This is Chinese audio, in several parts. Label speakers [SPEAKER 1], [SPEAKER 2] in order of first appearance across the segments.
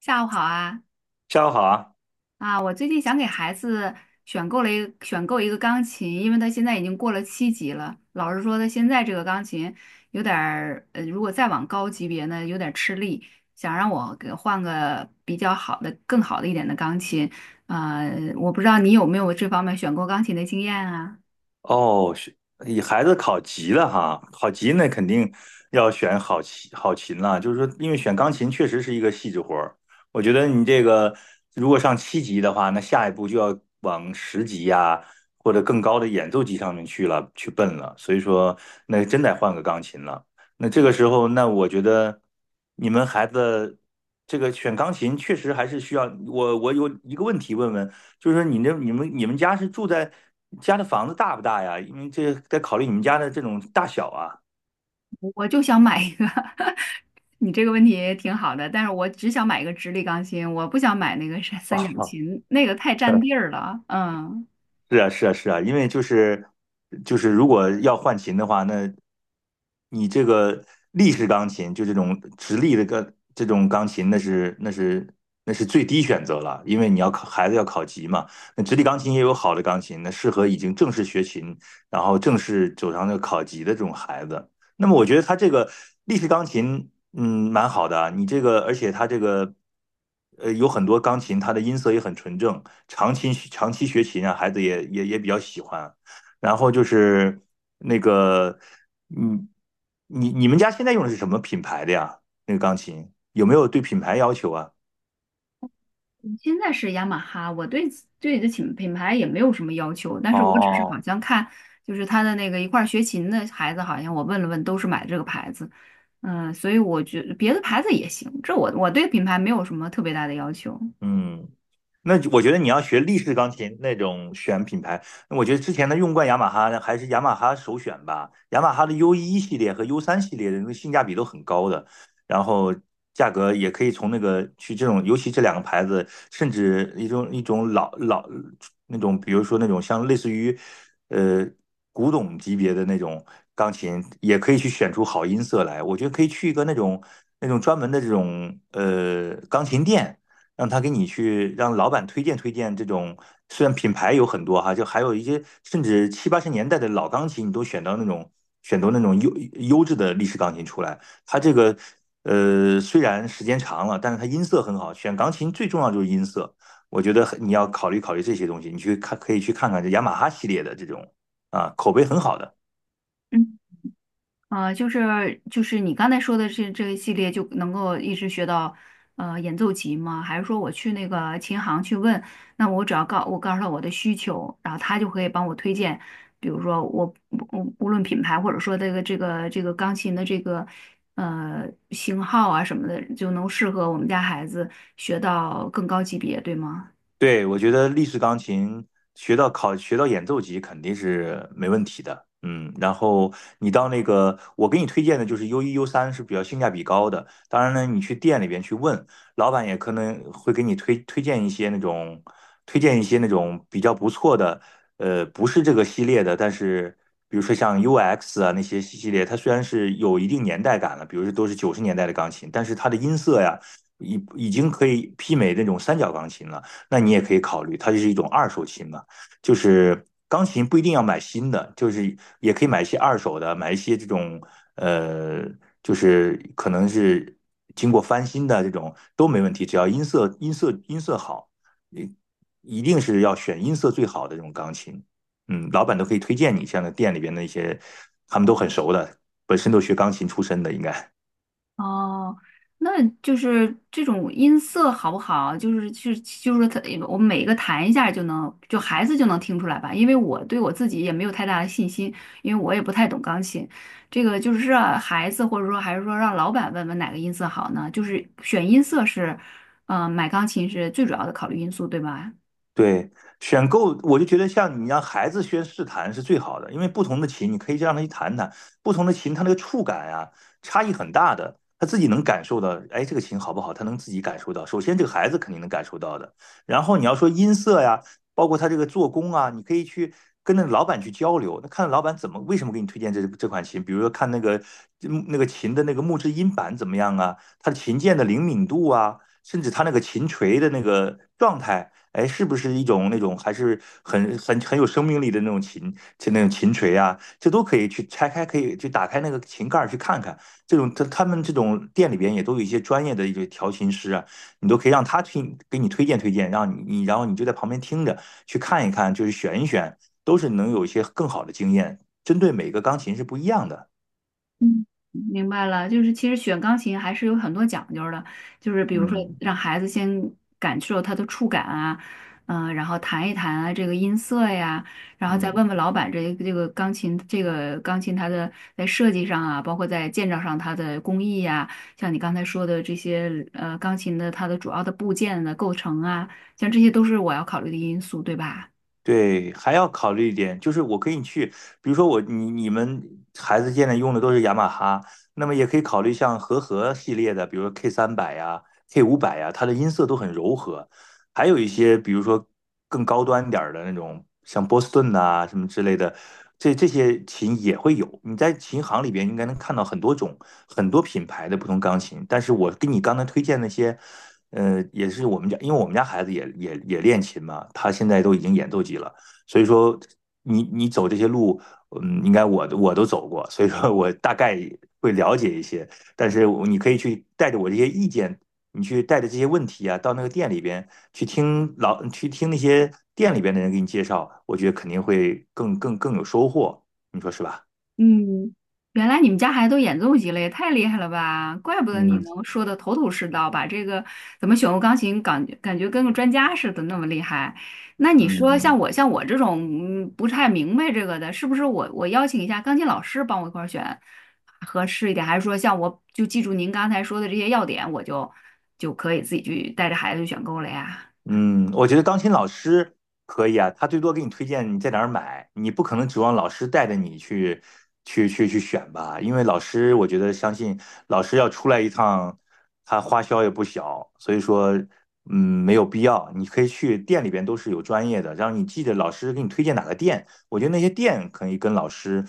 [SPEAKER 1] 下午好啊！
[SPEAKER 2] 下午好啊！
[SPEAKER 1] 我最近想给孩子选购一个钢琴，因为他现在已经过了七级了。老师说他现在这个钢琴有点儿，如果再往高级别呢，有点儿吃力，想让我给换个比较好的、更好的一点的钢琴。呃，我不知道你有没有这方面选购钢琴的经验啊？
[SPEAKER 2] 哦，是以孩子考级了哈，考级那肯定要选好琴了。就是说，因为选钢琴确实是一个细致活儿。我觉得你这个如果上七级的话，那下一步就要往十级呀、或者更高的演奏级上面去了，去奔了。所以说，那真得换个钢琴了。那这个时候，那我觉得你们孩子这个选钢琴确实还是需要我。我有一个问题问问，就是你那你们家是住在家的房子大不大呀？因为这得考虑你们家的这种大小啊。
[SPEAKER 1] 我就想买一个 你这个问题也挺好的，但是我只想买一个直立钢琴，我不想买那个三三角 琴，那个太占地儿了。嗯。
[SPEAKER 2] 是啊，是啊，是啊，因为就是，如果要换琴的话，那你这个立式钢琴，就这种直立的个这种钢琴，那是最低选择了，因为你要考孩子要考级嘛。那直立钢琴也有好的钢琴，那适合已经正式学琴，然后正式走上那个考级的这种孩子。那么我觉得他这个立式钢琴蛮好的啊你这个，而且它这个，有很多钢琴，它的音色也很纯正。长期学琴啊，孩子也比较喜欢。然后就是那个，嗯，你们家现在用的是什么品牌的呀？那个钢琴有没有对品牌要求啊？
[SPEAKER 1] 现在是雅马哈，我对这品牌也没有什么要求，但是我只是好
[SPEAKER 2] 哦
[SPEAKER 1] 像看，就是他的那个一块儿学琴的孩子，好像我问了问，都是买这个牌子，嗯，所以我觉得别的牌子也行，这我对品牌没有什么特别大的要求。
[SPEAKER 2] 嗯，那就我觉得你要学立式钢琴那种选品牌，那我觉得之前的用惯雅马哈呢还是雅马哈首选吧。雅马哈的 U 一系列和 U3系列的那个性价比都很高的，然后价格也可以从那个去这种，尤其这两个牌子，甚至一种老那种，比如说那种像类似于呃古董级别的那种钢琴，也可以去选出好音色来。我觉得可以去一个那种专门的这种钢琴店。让他给你去让老板推荐推荐这种，虽然品牌有很多哈，就还有一些甚至七八十年代的老钢琴，你都选到那种优质的历史钢琴出来。它这个虽然时间长了，但是它音色很好。选钢琴最重要就是音色，我觉得你要考虑考虑这些东西，你去看可以去看看这雅马哈系列的这种啊口碑很好的。
[SPEAKER 1] 嗯。啊、就是就是你刚才说的这个系列就能够一直学到演奏级吗？还是说我去那个琴行去问，那我只要我告诉他我的需求，然后他就可以帮我推荐，比如说我无论品牌或者说这个钢琴的这个型号啊什么的，就能适合我们家孩子学到更高级别，对吗？
[SPEAKER 2] 对，我觉得立式钢琴学到演奏级肯定是没问题的，然后你到那个我给你推荐的就是 U1 U3是比较性价比高的，当然呢，你去店里边去问，老板也可能会给你推荐一些那种比较不错的，不是这个系列的，但是比如说像 UX 啊那些系列，它虽然是有一定年代感了，比如说都是90年代的钢琴，但是它的音色呀已经可以媲美那种三角钢琴了。那你也可以考虑，它就是一种二手琴嘛，就是钢琴不一定要买新的，就是也可以买一些二手的，买一些这种呃，就是可能是经过翻新的这种都没问题，只要音色好，你一定是要选音色最好的这种钢琴，老板都可以推荐你，像那店里边的一些，他们都很熟的，本身都学钢琴出身的，应该。
[SPEAKER 1] 哦，那就是这种音色好不好？就是说它，我们每一个弹一下就能，就孩子就能听出来吧？因为我对我自己也没有太大的信心，因为我也不太懂钢琴。这个就是让孩子，或者说还是说让老板问问哪个音色好呢？就是选音色是，买钢琴是最主要的考虑因素，对吧？
[SPEAKER 2] 对，选购我就觉得像你让孩子先试弹是最好的，因为不同的琴你可以让他去弹弹，不同的琴它那个触感啊差异很大的，他自己能感受到，哎，这个琴好不好，他能自己感受到。首先这个孩子肯定能感受到的，然后你要说音色呀，包括他这个做工啊，你可以去跟那个老板去交流，那看老板怎么为什么给你推荐这款琴，比如说看那个那个琴的那个木质音板怎么样啊，它的琴键的灵敏度啊。甚至它那个琴锤的那个状态，哎，是不是一种那种还是很有生命力的那种琴，就那种琴锤啊，这都可以去拆开，可以去打开那个琴盖儿去看看。这种他们这种店里边也都有一些专业的一些调琴师啊，你都可以让他给你推荐推荐，让你然后你就在旁边听着去看一看，就是选一选，都是能有一些更好的经验，针对每个钢琴是不一样的。
[SPEAKER 1] 嗯，明白了，就是其实选钢琴还是有很多讲究的，就是比如说
[SPEAKER 2] 嗯
[SPEAKER 1] 让孩子先感受它的触感啊，然后弹一弹啊这个音色呀，然后再
[SPEAKER 2] 嗯。
[SPEAKER 1] 问问老板这这个钢琴这个钢琴它的在设计上啊，包括在建造上它的工艺呀、像你刚才说的这些钢琴的它的主要的部件的构成啊，像这些都是我要考虑的因素，对吧？
[SPEAKER 2] 对，还要考虑一点，就是我可以去，比如说你们孩子现在用的都是雅马哈，那么也可以考虑像和合系列的，比如说 K300呀、K500呀，它的音色都很柔和。还有一些，比如说更高端点儿的那种，像波士顿呐、什么之类的，这些琴也会有。你在琴行里边应该能看到很多种、很多品牌的不同钢琴。但是我给你刚才推荐那些。也是我们家，因为我们家孩子也练琴嘛，他现在都已经演奏级了，所以说你走这些路，应该我都走过，所以说我大概会了解一些，但是你可以去带着我这些意见，你去带着这些问题啊，到那个店里边去去听那些店里边的人给你介绍，我觉得肯定会更有收获，你说是吧？
[SPEAKER 1] 嗯，原来你们家孩子都演奏级了，也太厉害了吧！怪不得你
[SPEAKER 2] 嗯
[SPEAKER 1] 能说的头头是道，把这个怎么选用钢琴感觉跟个专家似的那么厉害。那你说
[SPEAKER 2] 嗯。
[SPEAKER 1] 像我这种不太明白这个的，是不是我邀请一下钢琴老师帮我一块儿选合适一点，还是说像我就记住您刚才说的这些要点，就可以自己去带着孩子去选购了呀？
[SPEAKER 2] 嗯，我觉得钢琴老师可以啊，他最多给你推荐你在哪儿买，你不可能指望老师带着你去选吧，因为老师，我觉得相信老师要出来一趟，他花销也不小，所以说，嗯，没有必要，你可以去店里边都是有专业的，让你记得老师给你推荐哪个店，我觉得那些店可以跟老师，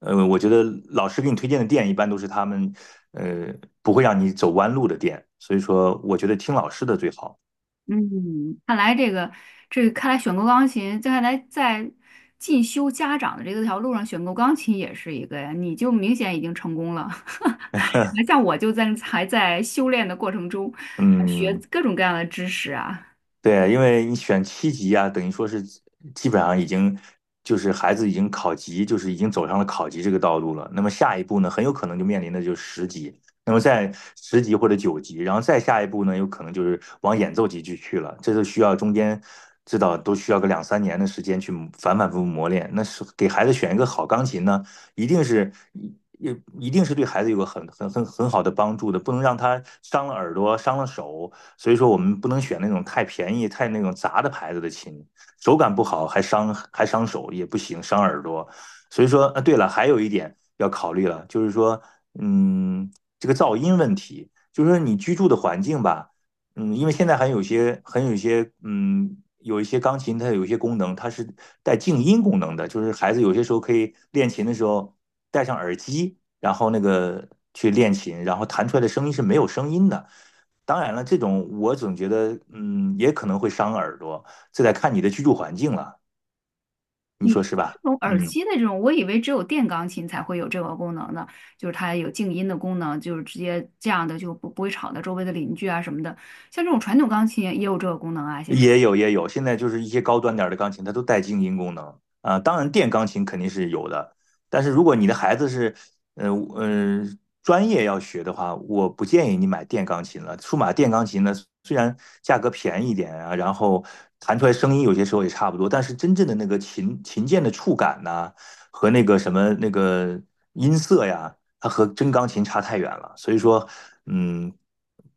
[SPEAKER 2] 我觉得老师给你推荐的店一般都是他们，呃，不会让你走弯路的店，所以说，我觉得听老师的最好。
[SPEAKER 1] 嗯，看来这个这看来选购钢琴，这看来在进修家长的这个条路上，选购钢琴也是一个呀。你就明显已经成功了，还像我就还在修炼的过程中，学
[SPEAKER 2] 嗯，
[SPEAKER 1] 各种各样的知识啊。
[SPEAKER 2] 对，因为你选七级啊，等于说是基本上已经就是孩子已经考级，就是已经走上了考级这个道路了。那么下一步呢，很有可能就面临的就是十级，那么在10级或者9级，然后再下一步呢，有可能就是往演奏级去了。这就需要中间知道都需要个两三年的时间去反反复复磨练。那是给孩子选一个好钢琴呢，一定是一一一定是对孩子有个很好的帮助的，不能让他伤了耳朵，伤了手。所以说我们不能选那种太便宜、太那种杂的牌子的琴，手感不好还伤手也不行，伤耳朵。所以说，啊，对了，还有一点要考虑了，就是说，嗯，这个噪音问题，就是说你居住的环境吧，因为现在还有些很有些，有一些钢琴，它有一些功能，它是带静音功能的，就是孩子有些时候可以练琴的时候戴上耳机，然后那个去练琴，然后弹出来的声音是没有声音的。当然了，这种我总觉得，也可能会伤耳朵，这得看你的居住环境了，你
[SPEAKER 1] 你
[SPEAKER 2] 说
[SPEAKER 1] 说
[SPEAKER 2] 是
[SPEAKER 1] 这
[SPEAKER 2] 吧？
[SPEAKER 1] 种耳
[SPEAKER 2] 嗯，
[SPEAKER 1] 机的这种，我以为只有电钢琴才会有这个功能呢，就是它有静音的功能，就是直接这样的就不会吵到周围的邻居啊什么的。像这种传统钢琴也有这个功能啊，现在。
[SPEAKER 2] 也有也有，现在就是一些高端点儿的钢琴，它都带静音功能啊。当然，电钢琴肯定是有的，但是如果你的孩子是，呃呃，专业要学的话，我不建议你买电钢琴了。数码电钢琴呢，虽然价格便宜一点啊，然后弹出来声音有些时候也差不多，但是真正的那个琴琴键的触感呐、和那个什么那个音色呀。它和真钢琴差太远了，所以说，嗯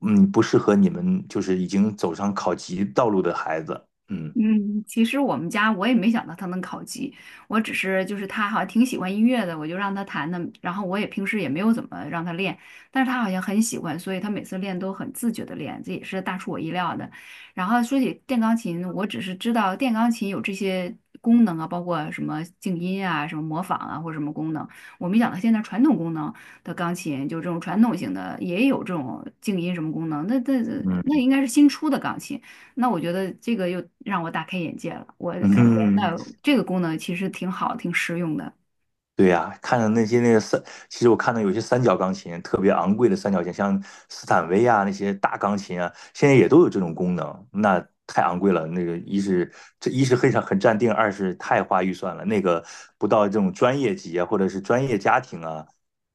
[SPEAKER 2] 不适合你们就是已经走上考级道路的孩子，嗯
[SPEAKER 1] 嗯，其实我们家我也没想到他能考级，我只是就是他好像挺喜欢音乐的，我就让他弹的，然后我也平时也没有怎么让他练，但是他好像很喜欢，所以他每次练都很自觉的练，这也是大出我意料的。然后说起电钢琴，我只是知道电钢琴有这些功能啊，包括什么静音啊、什么模仿啊或者什么功能，我没想到现在传统功能的钢琴就这种传统型的也有这种静音什么功能，那
[SPEAKER 2] 嗯。
[SPEAKER 1] 应该是新出的钢琴。那我觉得这个又让我大开眼界了，我感觉
[SPEAKER 2] 嗯。
[SPEAKER 1] 那这个功能其实挺好，挺实用的
[SPEAKER 2] 对呀、看着那些那个三，其实我看到有些三角钢琴特别昂贵的三角琴，像斯坦威啊那些大钢琴啊，现在也都有这种功能，那太昂贵了。那个一是这一是很常很占定，二是太花预算了。那个不到这种专业级啊，或者是专业家庭啊，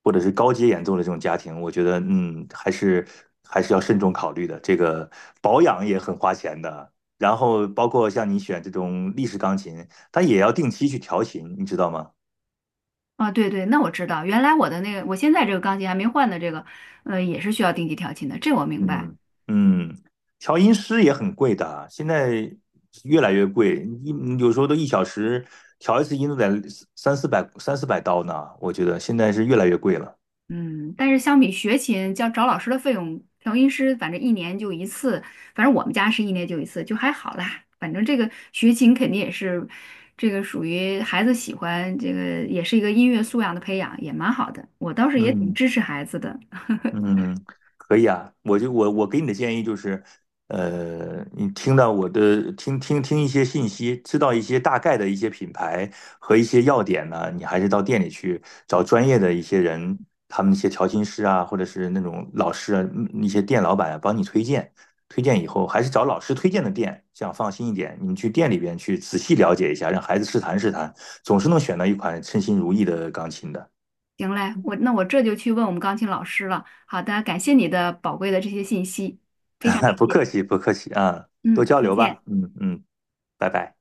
[SPEAKER 2] 或者是高阶演奏的这种家庭，我觉得还是要慎重考虑的。这个保养也很花钱的，然后包括像你选这种立式钢琴，它也要定期去调琴，你知道吗？
[SPEAKER 1] 啊。对，那我知道，原来我的那个，我现在这个钢琴还没换的这个，也是需要定期调琴的，这我明白。
[SPEAKER 2] 嗯嗯，调音师也很贵的啊，现在越来越贵，有时候都1小时调一次音都得三四百刀呢，我觉得现在是越来越贵了。
[SPEAKER 1] 嗯，但是相比学琴，叫找老师的费用，调音师反正一年就一次，反正我们家是一年就一次，就还好啦。反正这个学琴肯定也是，这个属于孩子喜欢，这个也是一个音乐素养的培养，也蛮好的。我倒是也挺
[SPEAKER 2] 嗯。
[SPEAKER 1] 支持孩子的。
[SPEAKER 2] 嗯，可以啊，我就我给你的建议就是，你听到我的听听一些信息，知道一些大概的一些品牌和一些要点呢，你还是到店里去找专业的一些人，他们那些调琴师啊，或者是那种老师啊，那些店老板啊，帮你推荐，推荐以后还是找老师推荐的店，这样放心一点。你们去店里边去仔细了解一下，让孩子试弹试弹，总是能选到一款称心如意的钢琴的。
[SPEAKER 1] 行嘞，我这就去问我们钢琴老师了。好的，感谢你的宝贵的这些信息，非常感
[SPEAKER 2] 不
[SPEAKER 1] 谢。
[SPEAKER 2] 客气，不客气啊，多
[SPEAKER 1] 嗯，
[SPEAKER 2] 交
[SPEAKER 1] 再
[SPEAKER 2] 流
[SPEAKER 1] 见。
[SPEAKER 2] 吧。嗯嗯，拜拜。